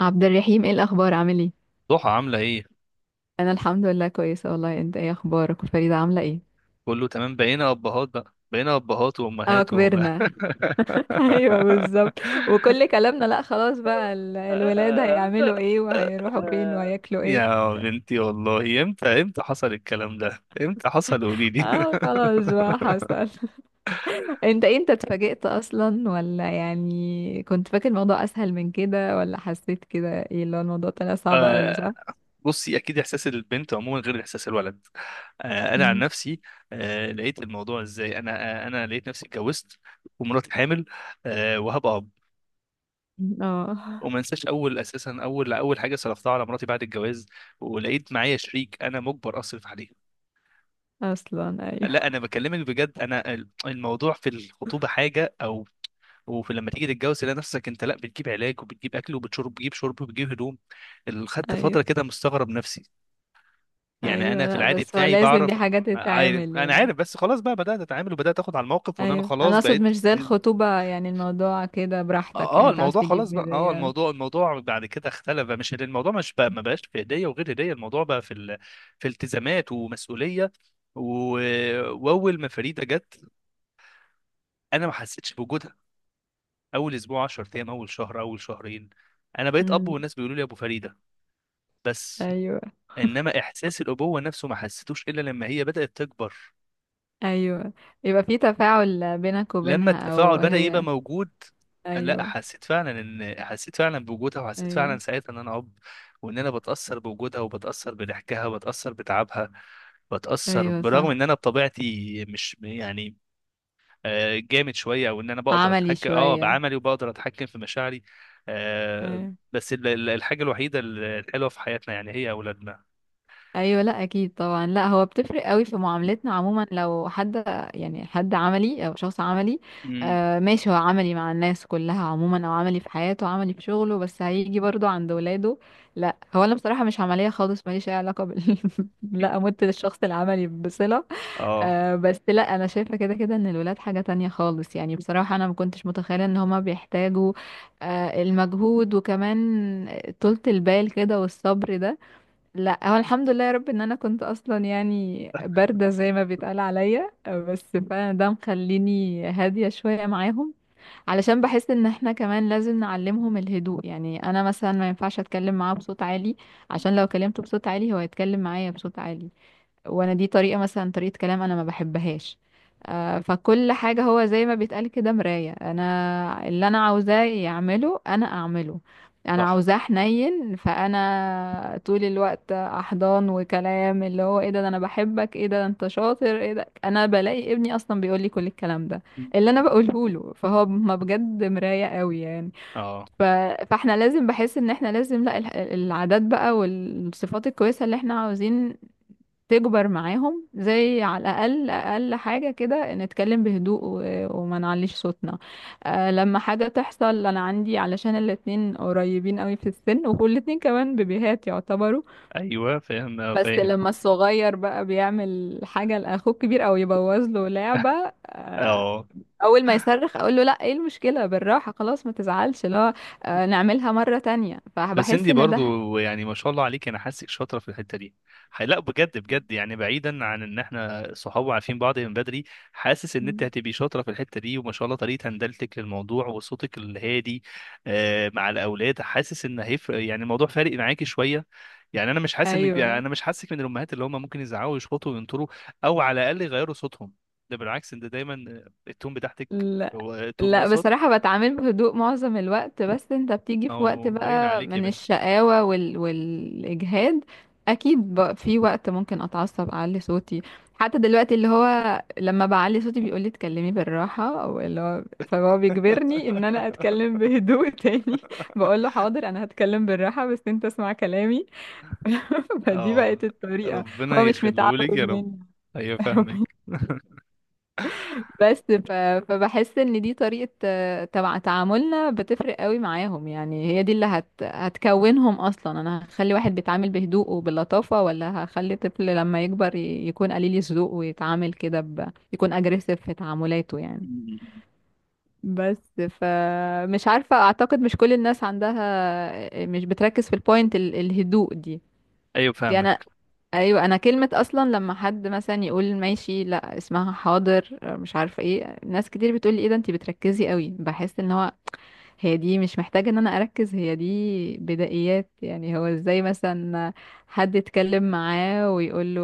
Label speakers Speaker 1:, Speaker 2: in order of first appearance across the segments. Speaker 1: عبد الرحيم، ايه الاخبار؟ عامل ايه؟
Speaker 2: ضحى، عاملة ايه؟
Speaker 1: انا الحمد لله كويسه والله. انت ايه اخبارك؟ وفريده عامله ايه؟
Speaker 2: كله تمام، بقينا أبهات
Speaker 1: اه،
Speaker 2: وأمهات وبقى.
Speaker 1: كبرنا. ايوه بالظبط. وكل كلامنا لا، خلاص بقى الولاد هيعملوا ايه، وهيروحوا فين، وهياكلوا ايه.
Speaker 2: يا بنتي والله، امتى حصل الكلام ده؟ امتى حصل؟ قوليلي.
Speaker 1: اه خلاص بقى حصل. انت إيه، انت اتفاجئت اصلا ولا يعني كنت فاكر الموضوع اسهل من كده، ولا حسيت كده ايه اللي هو الموضوع طلع صعب قوي،
Speaker 2: آه،
Speaker 1: صح؟
Speaker 2: بصي، أكيد إحساس البنت عموما غير إحساس الولد. أنا عن
Speaker 1: مم.
Speaker 2: نفسي، لقيت الموضوع إزاي؟ أنا لقيت نفسي اتجوزت ومراتي حامل وهبقى.
Speaker 1: اه
Speaker 2: وما انساش اول اساسا اول اول حاجه صرفتها على مراتي بعد الجواز، ولقيت معايا شريك انا مجبر اصرف عليه.
Speaker 1: اصلا،
Speaker 2: لا،
Speaker 1: ايوه
Speaker 2: انا بكلمك بجد، انا الموضوع في الخطوبه حاجه، او وفي لما تيجي تتجوز تلاقي نفسك انت لا بتجيب علاج وبتجيب اكل وبتشرب، بتجيب شرب وبتجيب هدوم. خدت
Speaker 1: ايوه
Speaker 2: فتره كده مستغرب نفسي. يعني
Speaker 1: ايوه،
Speaker 2: انا في
Speaker 1: لا
Speaker 2: العادي
Speaker 1: بس هو
Speaker 2: بتاعي
Speaker 1: لازم دي
Speaker 2: بعرف.
Speaker 1: حاجه تتعامل
Speaker 2: انا
Speaker 1: يعني.
Speaker 2: عارف، بس خلاص بقى، بدات اتعامل وبدات اخد على الموقف، وان انا
Speaker 1: ايوه، انا
Speaker 2: خلاص
Speaker 1: اقصد
Speaker 2: بقيت.
Speaker 1: مش زي الخطوبة، يعني الموضوع كده براحتك، يعني
Speaker 2: اه
Speaker 1: انت عاوز
Speaker 2: الموضوع خلاص
Speaker 1: تجيب
Speaker 2: بقى. اه
Speaker 1: هدية.
Speaker 2: الموضوع بعد كده اختلف بقى. مش الموضوع، مش بقى ما بقاش في هديه وغير هديه. الموضوع بقى في التزامات ومسؤوليه. و... واول ما فريده جت انا ما حسيتش بوجودها. اول اسبوع، 10 ايام، اول شهر، اول شهرين، انا بقيت اب
Speaker 1: امم
Speaker 2: والناس بيقولوا لي ابو فريده، بس.
Speaker 1: ايوه
Speaker 2: انما احساس الابوه نفسه ما حسيتوش الا لما هي بدات تكبر،
Speaker 1: ايوه، يبقى في تفاعل بينك
Speaker 2: لما
Speaker 1: وبينها او
Speaker 2: التفاعل بدأ يبقى
Speaker 1: هي.
Speaker 2: موجود. لا،
Speaker 1: ايوه
Speaker 2: حسيت فعلا بوجودها، وحسيت فعلا
Speaker 1: ايوه
Speaker 2: ساعتها ان انا اب، وان انا بتأثر بوجودها وبتأثر بضحكها وبتأثر بتعبها. بتأثر
Speaker 1: ايوه
Speaker 2: برغم ان
Speaker 1: صح،
Speaker 2: انا بطبيعتي مش يعني جامد شوية، او ان انا بقدر
Speaker 1: عملي
Speaker 2: اتحكم
Speaker 1: شوية.
Speaker 2: بعملي وبقدر اتحكم في مشاعري. آه،
Speaker 1: أيوة.
Speaker 2: بس الحاجة الوحيدة الحلوة في حياتنا يعني هي اولادنا.
Speaker 1: ايوه، لا اكيد طبعا، لا هو بتفرق قوي في معاملتنا عموما لو حد يعني حد عملي او شخص عملي.
Speaker 2: امم.
Speaker 1: ماشي، هو عملي مع الناس كلها عموما او عملي في حياته، عملي في شغله، بس هيجي برضو عند ولاده. لا هو انا بصراحه مش عمليه خالص، ماليش اي علاقه لا، امت للشخص العملي بصله.
Speaker 2: اه.
Speaker 1: بس لا، انا شايفه كده كده ان الولاد حاجه تانية خالص، يعني بصراحه انا ما كنتش متخيله ان هما بيحتاجوا المجهود، وكمان طولة البال كده والصبر ده. لا هو الحمد لله يا رب ان انا كنت اصلا يعني بارده زي ما بيتقال عليا، بس فعلا ده مخليني هاديه شويه معاهم، علشان بحس ان احنا كمان لازم نعلمهم الهدوء. يعني انا مثلا ما ينفعش اتكلم معاه بصوت عالي، عشان لو كلمته بصوت عالي هو هيتكلم معايا بصوت عالي، وانا دي طريقة، مثلا طريقة كلام انا ما بحبهاش. فكل حاجة هو زي ما بيتقال كده مراية، انا اللي انا عاوزاه يعمله انا اعمله. انا
Speaker 2: صح.
Speaker 1: عاوزاه حنين، فانا طول الوقت احضان وكلام اللي هو ايه ده ده انا بحبك، ايه ده ده انت شاطر، ايه ده. انا بلاقي ابني اصلا بيقول لي كل الكلام ده اللي انا
Speaker 2: مم.
Speaker 1: بقوله له، فهو ما بجد مراية قوي يعني.
Speaker 2: اه.
Speaker 1: ف... فاحنا لازم، بحس ان احنا لازم لا العادات بقى والصفات الكويسة اللي احنا عاوزين تكبر معاهم، زي على الأقل أقل حاجة كده نتكلم بهدوء وما نعليش صوتنا. أه لما حاجة تحصل، أنا عندي علشان الاتنين قريبين قوي في السن، وكل الاتنين كمان بيبيهات يعتبروا.
Speaker 2: ايوه، فاهم
Speaker 1: بس
Speaker 2: فاهم.
Speaker 1: لما الصغير بقى بيعمل حاجة لأخوه الكبير أو يبوظ له لعبة، أه
Speaker 2: اه.
Speaker 1: أول ما يصرخ أقول له لأ، إيه المشكلة، بالراحة، خلاص ما تزعلش، لا أه نعملها مرة تانية.
Speaker 2: بس
Speaker 1: فبحس
Speaker 2: انتي
Speaker 1: إن ده.
Speaker 2: برضو يعني ما شاء الله عليك، انا حاسك شاطره في الحته دي. لا بجد بجد، يعني بعيدا عن ان احنا صحاب وعارفين بعض من بدري، حاسس ان انت
Speaker 1: مم.
Speaker 2: هتبقي شاطره في الحته دي، وما شاء الله طريقه هندلتك للموضوع وصوتك الهادي مع الاولاد. حاسس ان هيفرق، يعني الموضوع فارق معاكي شويه. يعني انا مش حاسس ان
Speaker 1: أيوه.
Speaker 2: انا مش حاسك من الامهات اللي هم ممكن يزعقوا ويشخطوا وينطروا، او على الاقل يغيروا صوتهم. ده بالعكس، انت دايما التون بتاعتك
Speaker 1: لا
Speaker 2: هو تون
Speaker 1: لا،
Speaker 2: وسط.
Speaker 1: بصراحة بتعامل بهدوء معظم الوقت، بس انت بتيجي
Speaker 2: ما
Speaker 1: في وقت
Speaker 2: هو باين
Speaker 1: بقى
Speaker 2: عليك يا
Speaker 1: من
Speaker 2: بنتي.
Speaker 1: الشقاوة والإجهاد. أكيد بقى في وقت ممكن أتعصب، أعلي صوتي. حتى دلوقتي اللي هو لما بعلي صوتي بيقولي اتكلمي بالراحة، أو اللي هو فهو بيجبرني إن أنا أتكلم بهدوء تاني. بقول له حاضر أنا هتكلم بالراحة، بس انت اسمع كلامي. فدي
Speaker 2: اه،
Speaker 1: بقت الطريقة.
Speaker 2: ربنا
Speaker 1: هو مش متعود
Speaker 2: يخليهولك يا رب.
Speaker 1: مني.
Speaker 2: ايوه فاهمك.
Speaker 1: بس فبحس ان دي طريقة، تبع تعاملنا، بتفرق قوي معاهم. يعني هي دي اللي هتكونهم اصلا. انا هخلي واحد بيتعامل بهدوء وباللطافة، ولا هخلي طفل لما يكبر يكون قليل الذوق ويتعامل كده يكون اجريسيف في تعاملاته يعني. بس فمش عارفة، اعتقد مش كل الناس عندها، مش بتركز في البوينت الهدوء دي
Speaker 2: ايوه
Speaker 1: يعني.
Speaker 2: فاهمك.
Speaker 1: ايوه، انا كلمة اصلا لما حد مثلا يقول ماشي، لا اسمها حاضر، مش عارفة ايه. ناس كتير بتقولي ايه ده، انتي بتركزي قوي. بحس ان هو هي دي مش محتاجة ان انا اركز، هي دي بدائيات. يعني هو ازاي مثلا حد يتكلم معاه ويقول له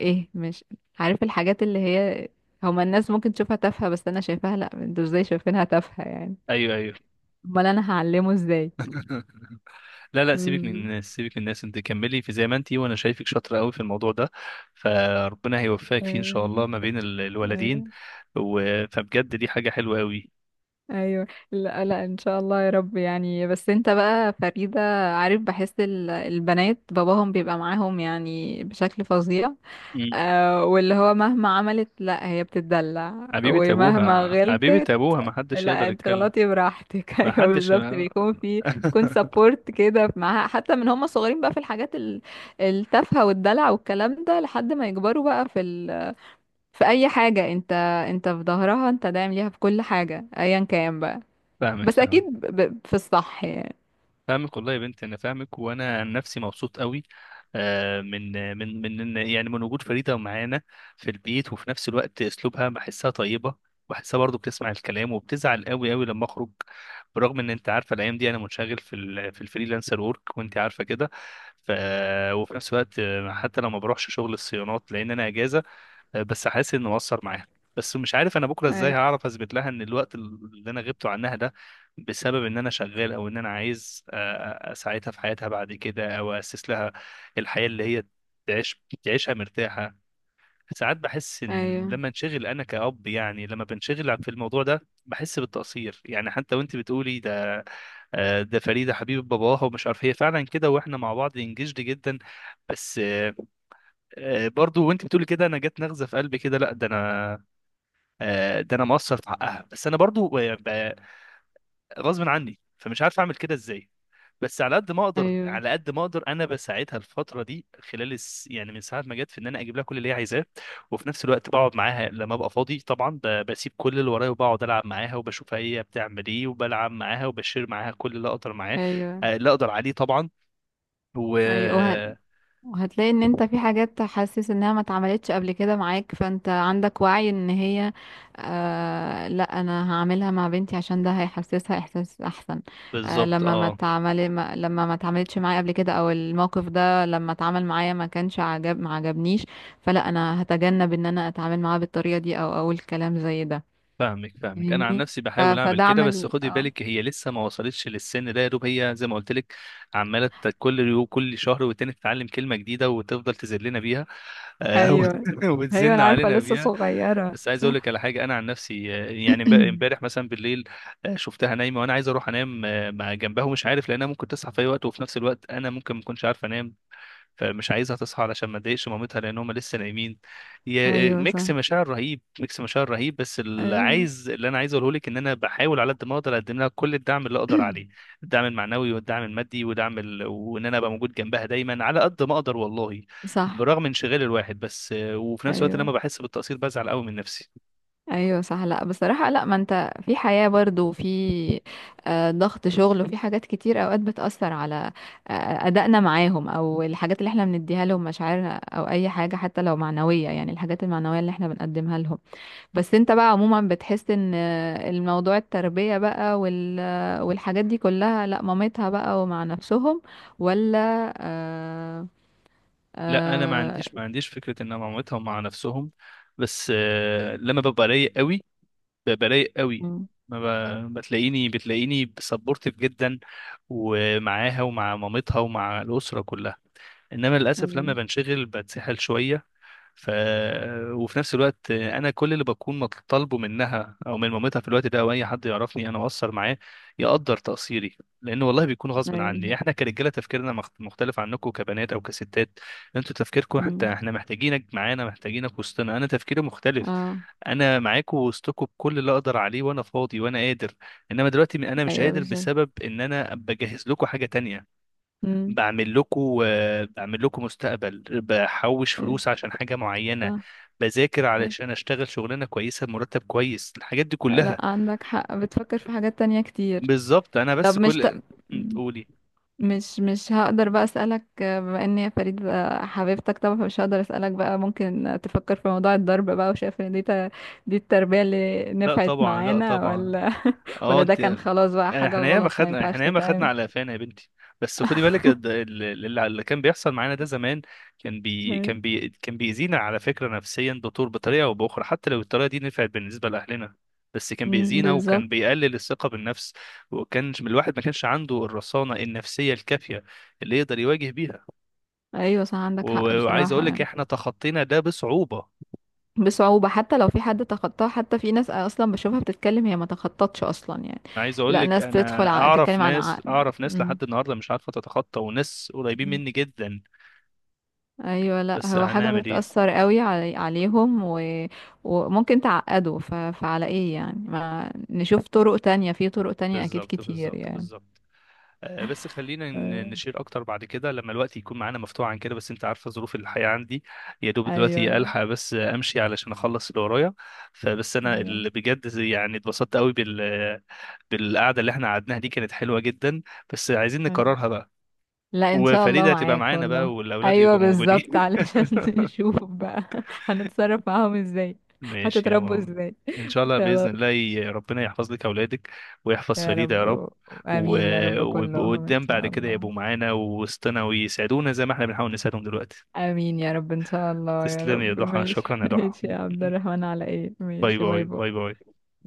Speaker 1: ايه، مش عارف الحاجات اللي هي هما الناس ممكن تشوفها تافهة، بس انا شايفاها لا، انتوا ازاي شايفينها تافهة يعني؟
Speaker 2: ايوه. ايوه.
Speaker 1: امال انا هعلمه ازاي؟
Speaker 2: لا لا، سيبك من
Speaker 1: بالظبط.
Speaker 2: الناس، سيبك من الناس، انت كملي في زي ما انتي، وانا شايفك شاطره قوي في الموضوع ده. فربنا هيوفقك فيه ان شاء
Speaker 1: ايوه
Speaker 2: الله ما بين الولدين.
Speaker 1: ايوه
Speaker 2: و... فبجد دي حاجه حلوه قوي.
Speaker 1: ايوه. لا لا، ان شاء الله يا رب يعني، بس انت بقى فريدة. عارف، بحس البنات باباهم بيبقى معاهم يعني بشكل فظيع.
Speaker 2: مم.
Speaker 1: واللي هو مهما عملت، لا هي بتتدلع،
Speaker 2: حبيبه
Speaker 1: ومهما
Speaker 2: ابوها، حبيبه
Speaker 1: غلطت
Speaker 2: ابوها، ما حدش
Speaker 1: لا
Speaker 2: يقدر
Speaker 1: انت
Speaker 2: يتكلم.
Speaker 1: غلطي براحتك.
Speaker 2: ما
Speaker 1: ايوه
Speaker 2: حدش.
Speaker 1: بالظبط. بيكون في تكون سبورت كده معاها حتى من هم صغيرين، بقى في الحاجات التافهة والدلع والكلام ده لحد ما يكبروا، بقى في اي حاجة انت، انت في ظهرها، انت داعم ليها في كل حاجة ايا كان بقى.
Speaker 2: فاهمك
Speaker 1: بس اكيد
Speaker 2: فاهمك.
Speaker 1: في الصح يعني.
Speaker 2: فاهمك والله يا بنت، انا فاهمك، وانا عن نفسي مبسوط قوي من من، يعني من وجود فريده معانا في البيت. وفي نفس الوقت اسلوبها بحسها طيبه، بحسها برضو بتسمع الكلام، وبتزعل قوي قوي لما اخرج. برغم ان انت عارفه الايام دي انا منشغل في الفريلانسر ورك، وانت عارفه كده. ف وفي نفس الوقت حتى لو ما بروحش شغل الصيانات لان انا اجازه. بس حاسس انه مؤثر معاها. بس مش عارف انا بكره ازاي
Speaker 1: ايوه
Speaker 2: هعرف اثبت لها ان الوقت اللي انا غبته عنها ده بسبب ان انا شغال، او ان انا عايز اساعدها في حياتها بعد كده، او اسس لها الحياه اللي هي تعيشها مرتاحه. ساعات بحس ان
Speaker 1: ايوه
Speaker 2: لما انشغل انا كأب، يعني لما بنشغل في الموضوع ده بحس بالتقصير، يعني حتى وانت بتقولي ده ده فريدة حبيبة باباها. ومش عارف هي فعلا كده، واحنا مع بعض انجزد جدا. بس برضو وانت بتقولي كده انا جت نغزة في قلبي كده. لا ده انا، ده انا مقصر في حقها. بس انا برضو غصب عني فمش عارف اعمل كده ازاي. بس على قد ما اقدر،
Speaker 1: ايوه
Speaker 2: على قد ما اقدر انا بساعدها الفتره دي خلال يعني من ساعه ما جت، في ان انا اجيب لها كل اللي هي عايزاه. وفي نفس الوقت بقعد معاها لما ابقى فاضي، طبعا بسيب كل اللي ورايا، وبقعد العب معاها، وبشوفها هي بتعمل ايه، وبلعب معاها، وبشير معاها كل اللي اقدر معاه
Speaker 1: ايوه
Speaker 2: اللي اقدر عليه طبعا. و
Speaker 1: ايوه. وهتلاقي ان انت في حاجات حاسس انها ما اتعملتش قبل كده معاك، فانت عندك وعي ان هي لا انا هعملها مع بنتي، عشان ده هيحسسها احساس احسن.
Speaker 2: بالظبط.
Speaker 1: لما ما
Speaker 2: اه.
Speaker 1: اتعمل ما... لما ما اتعملتش معايا قبل كده، او الموقف ده لما اتعمل معايا ما كانش عجب، ما عجبنيش، فلا انا هتجنب ان انا اتعامل معاه بالطريقة دي او اقول كلام زي ده.
Speaker 2: فاهمك فاهمك. انا عن
Speaker 1: فاهمني.
Speaker 2: نفسي
Speaker 1: ف...
Speaker 2: بحاول اعمل كده،
Speaker 1: فدعم
Speaker 2: بس
Speaker 1: ال...
Speaker 2: خدي
Speaker 1: اه
Speaker 2: بالك هي لسه ما وصلتش للسن ده، يا دوب هي زي ما قلت لك، عماله كل شهر والتاني تتعلم كلمه جديده وتفضل تذلنا بيها آه، وت-
Speaker 1: ايوه ايوه،
Speaker 2: وتزن
Speaker 1: انا عارفه
Speaker 2: علينا
Speaker 1: لسه
Speaker 2: بيها.
Speaker 1: صغيره
Speaker 2: بس عايز اقول لك
Speaker 1: صح.
Speaker 2: على حاجه، انا عن نفسي يعني امبارح مثلا بالليل شفتها نايمه، وانا عايز اروح انام مع جنبها، ومش عارف لانها ممكن تصحى في اي وقت، وفي نفس الوقت انا ممكن ما اكونش عارف انام، فمش عايزها تصحى علشان ما تضايقش مامتها لان هم لسه نايمين. يا
Speaker 1: ايوه صح.
Speaker 2: ميكس مشاعر رهيب، ميكس مشاعر رهيب. بس
Speaker 1: ايوه.
Speaker 2: اللي انا عايز اقوله لك ان انا بحاول على قد ما اقدر اقدم لها كل الدعم اللي اقدر عليه. الدعم المعنوي والدعم المادي ودعم وان انا ابقى موجود جنبها دايما على قد ما اقدر والله،
Speaker 1: صح.
Speaker 2: برغم انشغال الواحد. بس وفي نفس الوقت لما
Speaker 1: ايوه
Speaker 2: بحس بالتقصير بزعل قوي من نفسي.
Speaker 1: ايوه صح. لا بصراحه، لا ما انت في حياه برضو، وفي ضغط شغل، وفي حاجات كتير اوقات بتاثر على ادائنا معاهم، او الحاجات اللي احنا بنديها لهم، مشاعرنا، او اي حاجه حتى لو معنويه. يعني الحاجات المعنويه اللي احنا بنقدمها لهم. بس انت بقى عموما بتحس ان الموضوع التربية بقى والحاجات دي كلها لا مامتها بقى ومع نفسهم؟ ولا؟ آه
Speaker 2: لا انا ما
Speaker 1: آه
Speaker 2: عنديش ما عنديش فكره ان أنا مع مامتها ومع نفسهم. بس لما ببقى رايق قوي، برايق قوي،
Speaker 1: مم،
Speaker 2: ما بتلاقيني سبورتيف جدا، ومعاها ومع مامتها ومع الأسرة كلها. انما للاسف لما
Speaker 1: ايوه
Speaker 2: بنشغل بتسحل شويه. ف وفي نفس الوقت انا كل اللي بكون مطالبه منها او من مامتها في الوقت ده، او اي حد يعرفني انا اقصر معاه، يقدر تقصيري، لان والله بيكون غصب عني.
Speaker 1: ايوه.
Speaker 2: احنا كرجاله تفكيرنا مختلف عنكم كبنات او كستات. انتوا تفكيركم انت،
Speaker 1: مم،
Speaker 2: احنا محتاجينك معانا، محتاجينك وسطنا. انا تفكيري مختلف،
Speaker 1: اه.
Speaker 2: انا معاكم وسطكم بكل اللي اقدر عليه وانا فاضي وانا قادر. انما دلوقتي انا مش
Speaker 1: ايوه
Speaker 2: قادر
Speaker 1: بالظبط.
Speaker 2: بسبب ان انا بجهز لكم حاجه تانية،
Speaker 1: مم،
Speaker 2: بعمل لكم بعمل لكم مستقبل، بحوش
Speaker 1: ايوه،
Speaker 2: فلوس عشان حاجة معينة،
Speaker 1: صح،
Speaker 2: بذاكر
Speaker 1: ايوه.
Speaker 2: علشان اشتغل شغلانة كويسة بمرتب كويس، الحاجات دي
Speaker 1: لا
Speaker 2: كلها.
Speaker 1: عندك حق، بتفكر في حاجات تانية كتير.
Speaker 2: بالظبط. انا
Speaker 1: طب
Speaker 2: بس
Speaker 1: مش ت...
Speaker 2: كل.
Speaker 1: مم.
Speaker 2: تقولي.
Speaker 1: مش هقدر بقى اسالك، بما ان هي فريد بقى حبيبتك طبعا، فمش هقدر اسالك بقى، ممكن تفكر في موضوع الضرب بقى، وشايف ان دي دي التربيه اللي
Speaker 2: لا
Speaker 1: نفعت
Speaker 2: طبعا، لا
Speaker 1: معانا؟
Speaker 2: طبعا.
Speaker 1: ولا
Speaker 2: اه
Speaker 1: ولا ده كان
Speaker 2: انت،
Speaker 1: خلاص بقى حاجه غلط ما ينفعش
Speaker 2: احنا ياما خدنا
Speaker 1: تتعمل؟
Speaker 2: على قفانا يا بنتي. بس خدي بالك الد- ال- ال- اللي اللي كان بيحصل معانا ده زمان، كان بي
Speaker 1: مم.
Speaker 2: كان بي كان بيأذينا على فكرة نفسيا دكتور، بطريقة او بأخرى. حتى لو الطريقة دي نفعت بالنسبة لأهلنا، بس كان
Speaker 1: مم،
Speaker 2: بيأذينا،
Speaker 1: بالظبط.
Speaker 2: وكان بيقلل الثقة بالنفس. وكان الواحد ما كانش عنده الرصانة النفسية الكافية اللي يقدر يواجه بيها.
Speaker 1: ايوه صح، عندك حق
Speaker 2: وعايز
Speaker 1: بصراحه
Speaker 2: اقول لك
Speaker 1: يعني.
Speaker 2: احنا تخطينا ده بصعوبة.
Speaker 1: بصعوبه، حتى لو في حد تخطاها، حتى في ناس اصلا بشوفها بتتكلم هي ما تخططش اصلا يعني.
Speaker 2: عايز اقول
Speaker 1: لا
Speaker 2: لك،
Speaker 1: ناس بتدخل
Speaker 2: انا اعرف
Speaker 1: بتتكلم عن
Speaker 2: ناس
Speaker 1: عقد.
Speaker 2: اعرف ناس
Speaker 1: مم.
Speaker 2: لحد النهارده مش عارفه تتخطى، وناس قريبين مني جدا.
Speaker 1: ايوه، لا
Speaker 2: بس
Speaker 1: هو حاجه
Speaker 2: هنعمل ايه.
Speaker 1: بتاثر قوي علي عليهم وممكن تعقده. فعلى ايه يعني؟ ما نشوف طرق تانية، في طرق تانية اكيد
Speaker 2: بالظبط،
Speaker 1: كتير
Speaker 2: بالظبط،
Speaker 1: يعني.
Speaker 2: بالظبط. بس خلينا
Speaker 1: آه،
Speaker 2: نشير اكتر بعد كده لما الوقت يكون معانا مفتوح عن كده، بس انت عارفه ظروف الحياه عندي. يا دوب دلوقتي
Speaker 1: ايوه
Speaker 2: الحق بس امشي علشان اخلص اللي ورايا. فبس انا
Speaker 1: ايوه.
Speaker 2: اللي بجد يعني اتبسطت قوي بالقعده اللي احنا قعدناها دي، كانت حلوه جدا، بس عايزين
Speaker 1: أيوة.
Speaker 2: نكررها بقى،
Speaker 1: لا ان شاء الله
Speaker 2: وفريده هتبقى
Speaker 1: معاك
Speaker 2: معانا
Speaker 1: والله.
Speaker 2: بقى، والاولاد
Speaker 1: ايوه
Speaker 2: يبقوا موجودين.
Speaker 1: بالظبط، علشان نشوف بقى هنتصرف معاهم ازاي،
Speaker 2: ماشي يا
Speaker 1: هتتربوا
Speaker 2: ماما،
Speaker 1: ازاي.
Speaker 2: ان شاء الله باذن
Speaker 1: خلاص.
Speaker 2: الله ربنا يحفظ لك اولادك، ويحفظ
Speaker 1: يا
Speaker 2: فريدة يا رب،
Speaker 1: رب. امين يا رب
Speaker 2: ويبقوا
Speaker 1: كلهم ان
Speaker 2: قدام بعد
Speaker 1: شاء
Speaker 2: كده،
Speaker 1: الله.
Speaker 2: يبقوا معانا ووسطنا ويسعدونا زي ما احنا بنحاول نساعدهم دلوقتي.
Speaker 1: امين يا رب ان شاء الله يا
Speaker 2: تسلمي يا
Speaker 1: رب.
Speaker 2: ضحى،
Speaker 1: ماشي
Speaker 2: شكرا يا ضحى.
Speaker 1: ماشي يا عبد الرحمن، على ايه؟
Speaker 2: باي
Speaker 1: ماشي،
Speaker 2: باي،
Speaker 1: باي
Speaker 2: باي
Speaker 1: باي.
Speaker 2: باي.